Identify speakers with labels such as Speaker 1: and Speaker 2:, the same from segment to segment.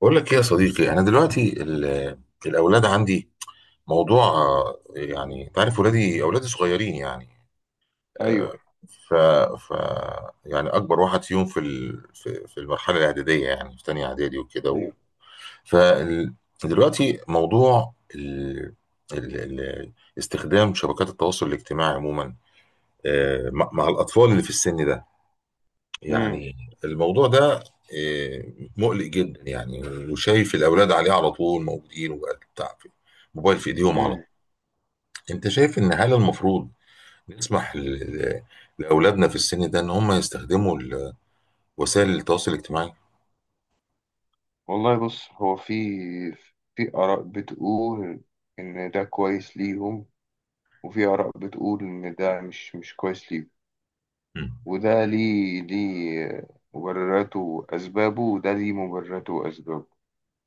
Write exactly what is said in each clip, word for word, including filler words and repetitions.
Speaker 1: بقول لك ايه يا صديقي، انا دلوقتي ال- الاولاد عندي موضوع. آه، يعني انت عارف ولادي اولادي صغيرين يعني.
Speaker 2: ايوه،
Speaker 1: آه، ف ف يعني اكبر واحد فيهم في ال- في في المرحله الاعداديه، يعني في تانية اعدادي وكده و...
Speaker 2: ايوه.
Speaker 1: ف ال- دلوقتي موضوع ال... ال... ال... استخدام شبكات التواصل الاجتماعي عموما، آه، مع مع الاطفال اللي في السن ده
Speaker 2: امم،
Speaker 1: يعني. الموضوع ده إيه، مقلق جدا يعني، وشايف الاولاد عليه على طول موجودين وبتاع، في موبايل في ايديهم على طول.
Speaker 2: امم.
Speaker 1: انت شايف ان هل المفروض نسمح ل- لاولادنا في السن ده ان هم يستخدموا ال- وسائل التواصل الاجتماعي؟
Speaker 2: والله بص، هو في في آراء بتقول إن ده كويس ليهم، وفي آراء بتقول إن ده مش مش كويس ليهم.
Speaker 1: مم.
Speaker 2: وده ليه، ليه مبرراته وأسبابه، وده ليه مبرراته وأسبابه.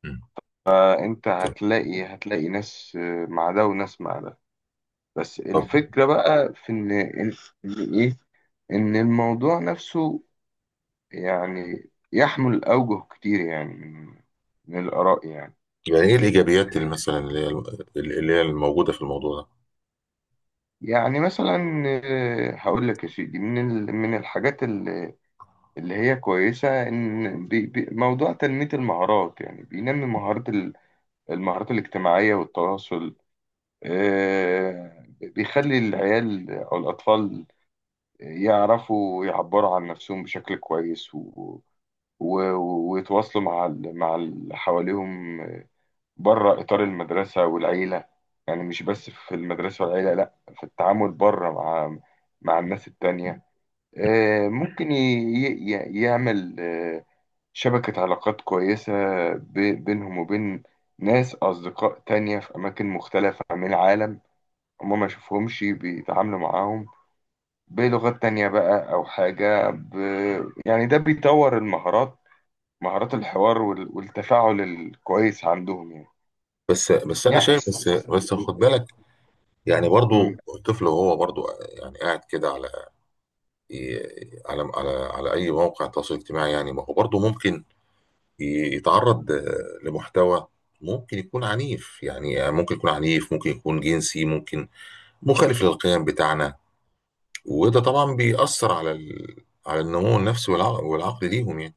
Speaker 1: مم.
Speaker 2: فأنت
Speaker 1: طب
Speaker 2: هتلاقي هتلاقي ناس مع ده وناس مع ده. بس
Speaker 1: طب،
Speaker 2: الفكرة بقى في إن إن إيه إن الموضوع نفسه يعني يحمل أوجه كتير يعني من من الآراء يعني.
Speaker 1: يعني ايه الايجابيات اللي مثلا اللي هي اللي هي الموجوده في الموضوع ده؟
Speaker 2: يعني مثلا آه، هقول لك يا سيدي من ال- من الحاجات اللي اللي هي كويسة، إن بي- بي- موضوع تنمية المهارات، يعني بينمي مهارات ال- المهارات الاجتماعية والتواصل. آه، بيخلي العيال أو الأطفال يعرفوا يعبروا عن نفسهم بشكل كويس، و- و- ويتواصلوا مع ال- مع اللي حواليهم بره إطار المدرسة والعيلة. يعني مش بس في المدرسة والعيلة، لأ، في التعامل بره مع مع الناس التانية. آه، ممكن ي... ي... يعمل آه، شبكة علاقات كويسة ب... بينهم وبين ناس أصدقاء تانية في أماكن مختلفة من العالم، هما ما يشوفهمش، بيتعاملوا معاهم بلغات تانية بقى أو حاجة ب... يعني ده بيطور المهارات، مهارات الحوار وال... والتفاعل الكويس عندهم يعني.
Speaker 1: بس بس انا
Speaker 2: يعني.
Speaker 1: شايف بس بس خد بالك، يعني برضو
Speaker 2: مم.
Speaker 1: الطفل وهو برضو يعني قاعد كده على ي- على على على اي موقع تواصل اجتماعي، يعني ما هو برضه ممكن ي- يتعرض آه، لمحتوى ممكن يكون عنيف، يعني ممكن يكون عنيف، ممكن يكون جنسي، ممكن مخالف للقيم بتاعنا. وده طبعا بيأثر على ال... على النمو النفسي والعقل, والعقل ليهم يعني.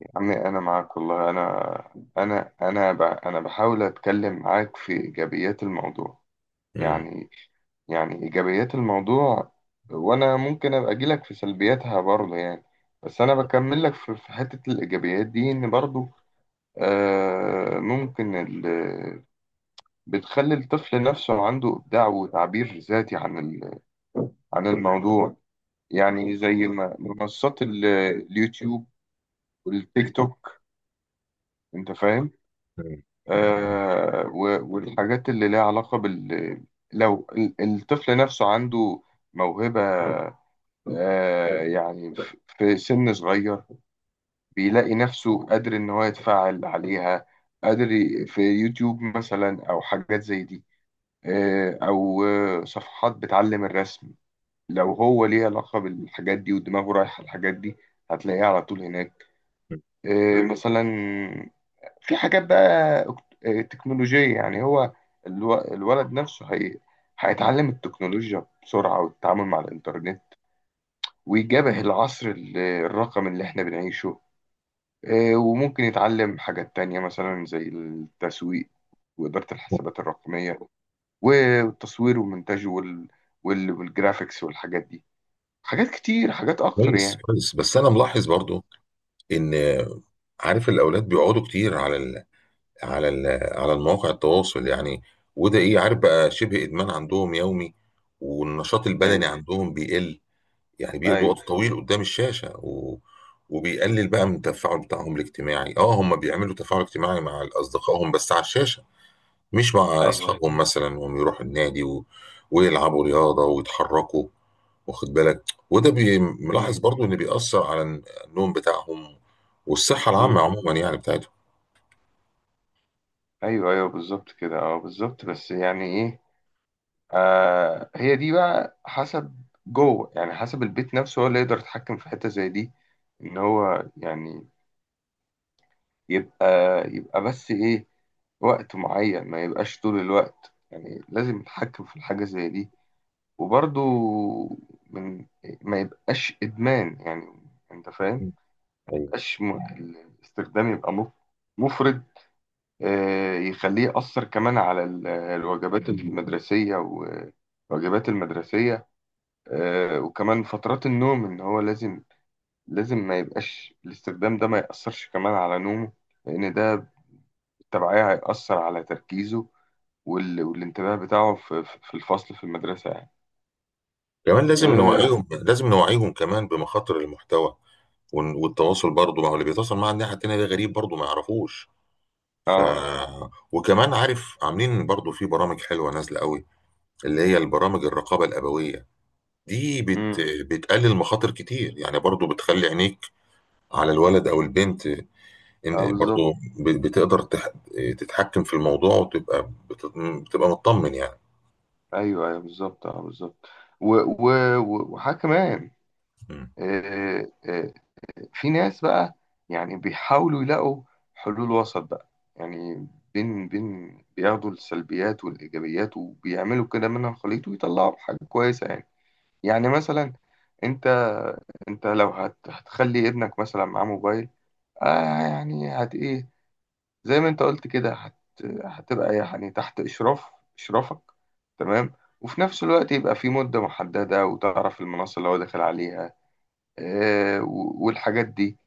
Speaker 2: يا عمي انا معاك والله، انا انا انا ب... انا بحاول اتكلم معاك في ايجابيات الموضوع.
Speaker 1: مم.
Speaker 2: يعني، يعني ايجابيات الموضوع. وانا ممكن ابقى اجيلك في سلبياتها برضه يعني، بس انا بكمل لك في في حتة الايجابيات دي. ان برضه آه ممكن ال... بتخلي الطفل نفسه عنده ابداع وتعبير ذاتي عن ال... عن الموضوع. يعني زي ما منصات ال- اليوتيوب والتيك توك، انت فاهم.
Speaker 1: مم.
Speaker 2: آه، و- والحاجات اللي لها علاقة بال، لو ال- الطفل نفسه عنده موهبة، آه، يعني ف- في سن صغير، بيلاقي نفسه قادر إن هو يتفاعل عليها، قادر ي- في يوتيوب مثلا أو حاجات زي دي. آه، أو آه، صفحات بتعلم الرسم، لو هو ليه علاقة بالحاجات دي ودماغه رايحة الحاجات دي، هتلاقيه على طول هناك. آه، مثلا في حاجات بقى أكت- آه، تكنولوجية. يعني هو الو- الولد نفسه هي هيتعلم التكنولوجيا بسرعة والتعامل مع الإنترنت، ويجابه العصر ال- الرقمي اللي احنا بنعيشه. آه، وممكن يتعلم حاجات تانية مثلا زي التسويق وإدارة الحسابات الرقمية والتصوير والمونتاج وال... وال... والجرافيكس والحاجات دي، حاجات كتير، حاجات أكتر
Speaker 1: كويس
Speaker 2: يعني.
Speaker 1: كويس، بس انا ملاحظ برضو ان عارف الاولاد بيقعدوا كتير على ال... على ال- على المواقع التواصل يعني. وده ايه، عارف بقى، شبه ادمان عندهم يومي، والنشاط البدني
Speaker 2: أيوه،
Speaker 1: عندهم بيقل، يعني بيقضوا
Speaker 2: أيوه،
Speaker 1: وقت طويل قدام الشاشة و... وبيقلل بقى من التفاعل بتاعهم الاجتماعي، اه هم بيعملوا تفاعل اجتماعي مع اصدقائهم بس على الشاشة، مش مع
Speaker 2: أيوه.
Speaker 1: اصحابهم مثلا، وهم يروحوا النادي و... ويلعبوا رياضة ويتحركوا، واخد بالك. وده بي- ملاحظ
Speaker 2: مم.
Speaker 1: برضو ان بيأثر على النوم بتاعهم والصحة العامة
Speaker 2: مم.
Speaker 1: عموما يعني،
Speaker 2: أيوه، أيوه، بالظبط كده. أه، بالظبط. بس يعني إيه آه هي دي بقى حسب جوه، يعني حسب البيت نفسه، هو اللي يقدر يتحكم في حتة زي دي. ان هو يعني يبقى يبقى بس ايه، وقت معين، ما يبقاش طول الوقت. يعني لازم يتحكم في الحاجة زي دي، وبرضو من، ما يبقاش ادمان يعني. انت فاهم؟
Speaker 1: بتاعتهم.
Speaker 2: ما يبقاش م- الاستخدام يبقى مف- مفرط، آه، يخليه يأثر كمان على ال- الوجبات المدرسية والواجبات المدرسية. آه، وكمان فترات النوم، ان هو لازم، لازم ما يبقاش الاستخدام ده، ما يأثرش كمان على نومه، لان ده بالتبعية هيأثر على تركيزه وال... والانتباه بتاعه في... في في الفصل في المدرسة يعني.
Speaker 1: كمان لازم
Speaker 2: اه،
Speaker 1: نوعيهم لازم نوعيهم كمان بمخاطر المحتوى ون- والتواصل برضه، ما هو اللي بيتواصل مع الناحية التانية ده غريب برضه ما يعرفوش. ف
Speaker 2: اه,
Speaker 1: وكمان عارف، عاملين برضه في برامج حلوة نازلة قوي اللي هي البرامج الرقابة الأبوية، دي بت...
Speaker 2: مم.
Speaker 1: بتقلل مخاطر كتير يعني، برضه بتخلي عينيك على الولد أو البنت،
Speaker 2: آه،
Speaker 1: إن
Speaker 2: بالظبط.
Speaker 1: برضه ب... بتقدر تح... تتحكم في الموضوع، وتبقى بت... بتبقى مطمن يعني.
Speaker 2: ايوه، ايوه، بالظبط. اه، بالظبط. و... و... و- وحاجة كمان،
Speaker 1: م.
Speaker 2: آه، آه، في ناس بقى يعني بيحاولوا يلاقوا حلول وسط بقى، يعني بين بين بياخدوا السلبيات والإيجابيات وبيعملوا كده منها الخليط ويطلعوا حاجة كويسة يعني. يعني مثلا، انت انت لو هت هتخلي ابنك مثلا معاه موبايل، آه يعني هت ايه زي ما انت قلت كده، هت هتبقى يعني تحت اشراف اشرافك، تمام. وفي نفس الوقت يبقى في مدة محددة، وتعرف المنصة اللي هو داخل عليها آه و- والحاجات دي.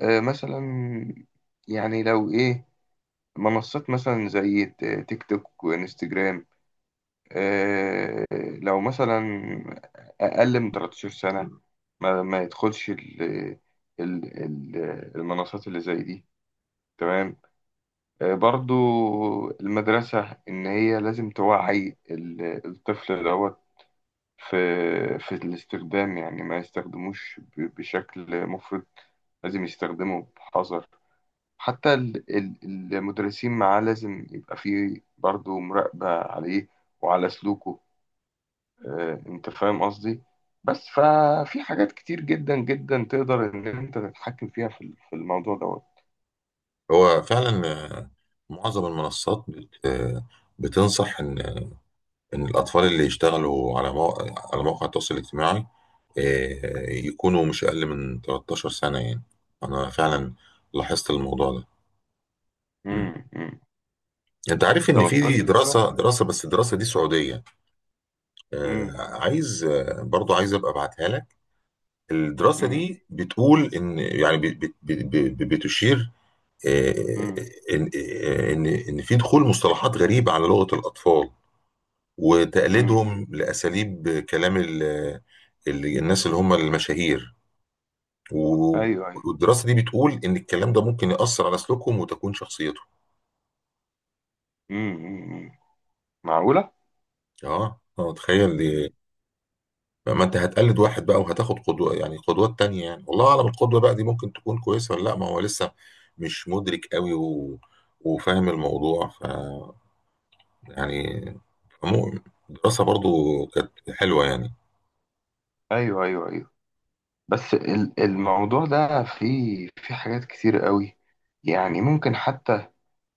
Speaker 2: آه، مثلا يعني لو ايه، منصات مثلا زي ت- تيك توك وانستجرام، آه، لو مثلا اقل من تلتاشر سنة، ما, ما يدخلش ال ال ال المنصات اللي زي دي، تمام. آه، برضو المدرسة، ان هي لازم توعي ال- الطفل دوت في في الاستخدام، يعني ما يستخدموش ب- بشكل مفرط، لازم يستخدمه بحذر. حتى ال- ال- المدرسين معاه لازم يبقى فيه برضه مراقبة عليه وعلى سلوكه. آه، انت فاهم قصدي؟ بس ففي حاجات كتير جدا جدا تقدر ان انت تتحكم فيها في ال- في الموضوع دوت.
Speaker 1: هو فعلا، آه، معظم المنصات بت- آه، بتنصح ان ان الاطفال اللي يشتغلوا على مواقع على مواقع التواصل الاجتماعي، آه، يكونوا مش اقل من 13 سنة يعني. انا فعلا لاحظت الموضوع ده. مم.
Speaker 2: امم، امم.
Speaker 1: انت عارف ان في
Speaker 2: تلتاشر سنة.
Speaker 1: دراسة دراسة، بس الدراسة دي سعودية، آه،
Speaker 2: امم
Speaker 1: عايز آه، برضو عايز ابقى ابعتها لك. الدراسة
Speaker 2: امم
Speaker 1: دي بتقول ان يعني بت- بت- بت- بتشير، آه،
Speaker 2: امم
Speaker 1: ان آه، ان ان في دخول مصطلحات غريبه على لغه الاطفال،
Speaker 2: امم
Speaker 1: وتقليدهم لاساليب كلام ال ال الناس اللي هم المشاهير و-
Speaker 2: ايوه، ايوه.
Speaker 1: والدراسه دي بتقول ان الكلام ده ممكن ياثر على سلوكهم وتكوين شخصيتهم.
Speaker 2: امم، امم. معقولة.
Speaker 1: اه اه، تخيل دي.
Speaker 2: امم.
Speaker 1: ما انت هتقلد واحد بقى وهتاخد قدوه، يعني قدوات تانية، يعني والله اعلم القدوه بقى دي ممكن تكون كويسه ولا لا، ما هو لسه مش مدرك قوي و... وفاهم الموضوع. ف يعني فمو- الدراسه برضو كانت حلوه يعني.
Speaker 2: ايوه، ايوه، ايوه. بس ال- الموضوع ده فيه في حاجات كتير قوي. يعني ممكن حتى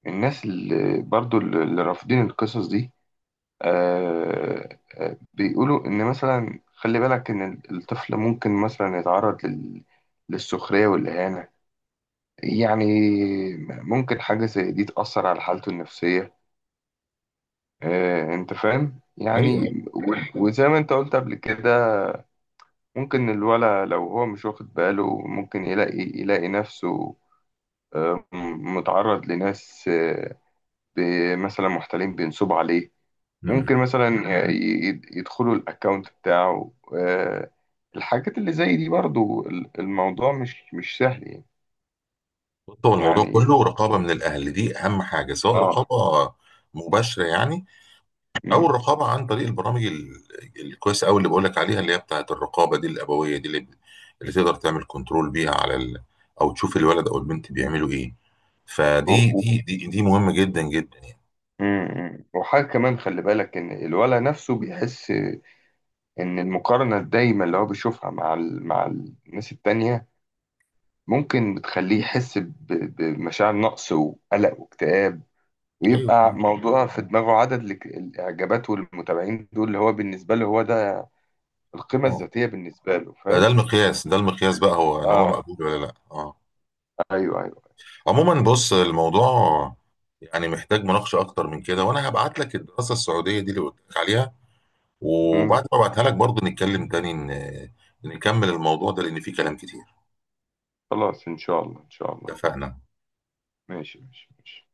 Speaker 2: الناس اللي برضو اللي رافضين القصص دي، آه آه، بيقولوا إن مثلا خلي بالك إن ال- الطفل ممكن مثلا يتعرض لل- للسخرية والإهانة. يعني ممكن حاجة زي دي تأثر على حالته النفسية. آه، أنت فاهم؟
Speaker 1: ايوه.
Speaker 2: يعني و- وزي ما أنت قلت قبل كده، ممكن الولد لو هو مش واخد باله، ممكن يلاقي يلاقي نفسه آه، م- متعرض لناس آه، ب- مثلا محتالين بينصبوا عليه.
Speaker 1: امم.
Speaker 2: ممكن مثلا آه، ي- ي- يدخلوا الاكونت بتاعه. آه، الحاجات اللي زي دي برضو، ال- الموضوع مش مش سهل يعني.
Speaker 1: هو الموضوع
Speaker 2: يعني
Speaker 1: كله رقابه من الاهل، دي اهم حاجه، سواء
Speaker 2: اه.
Speaker 1: رقابه مباشره يعني، او
Speaker 2: مم.
Speaker 1: الرقابه عن طريق البرامج ال- الكويسه قوي اللي بقول لك عليها، اللي هي بتاعه الرقابه دي الابويه دي اللي, اللي تقدر تعمل كنترول بيها على ال... او تشوف الولد او البنت بيعملوا ايه.
Speaker 2: و-
Speaker 1: فدي
Speaker 2: و-
Speaker 1: دي دي, دي مهمه جدا جدا يعني.
Speaker 2: مم، مم. وحاجة كمان، خلي بالك إن الولد نفسه بيحس إن المقارنة الدايمة اللي هو بيشوفها مع ال... مع الناس التانية، ممكن بتخليه يحس ب... بمشاعر نقص وقلق واكتئاب،
Speaker 1: ايوه
Speaker 2: ويبقى موضوع في دماغه عدد الإك- الإعجابات والمتابعين دول، اللي هو بالنسبة له هو ده القيمة
Speaker 1: اه،
Speaker 2: الذاتية بالنسبة له،
Speaker 1: بقى ده
Speaker 2: فاهم.
Speaker 1: المقياس، ده المقياس بقى هو ان هو
Speaker 2: اه.
Speaker 1: مقبول ولا لا، اه.
Speaker 2: ايوه، ايوه.
Speaker 1: عموما بص، الموضوع يعني محتاج مناقشه اكتر من كده، وانا هبعت لك الدراسه السعوديه دي اللي قلت لك عليها، وبعد
Speaker 2: امم.
Speaker 1: ما ابعتها لك برضه نتكلم تاني، ن- نكمل الموضوع ده لان فيه كلام كتير.
Speaker 2: خلاص، ان شاء الله، ان شاء الله.
Speaker 1: اتفقنا.
Speaker 2: ماشي، ماشي، ماشي.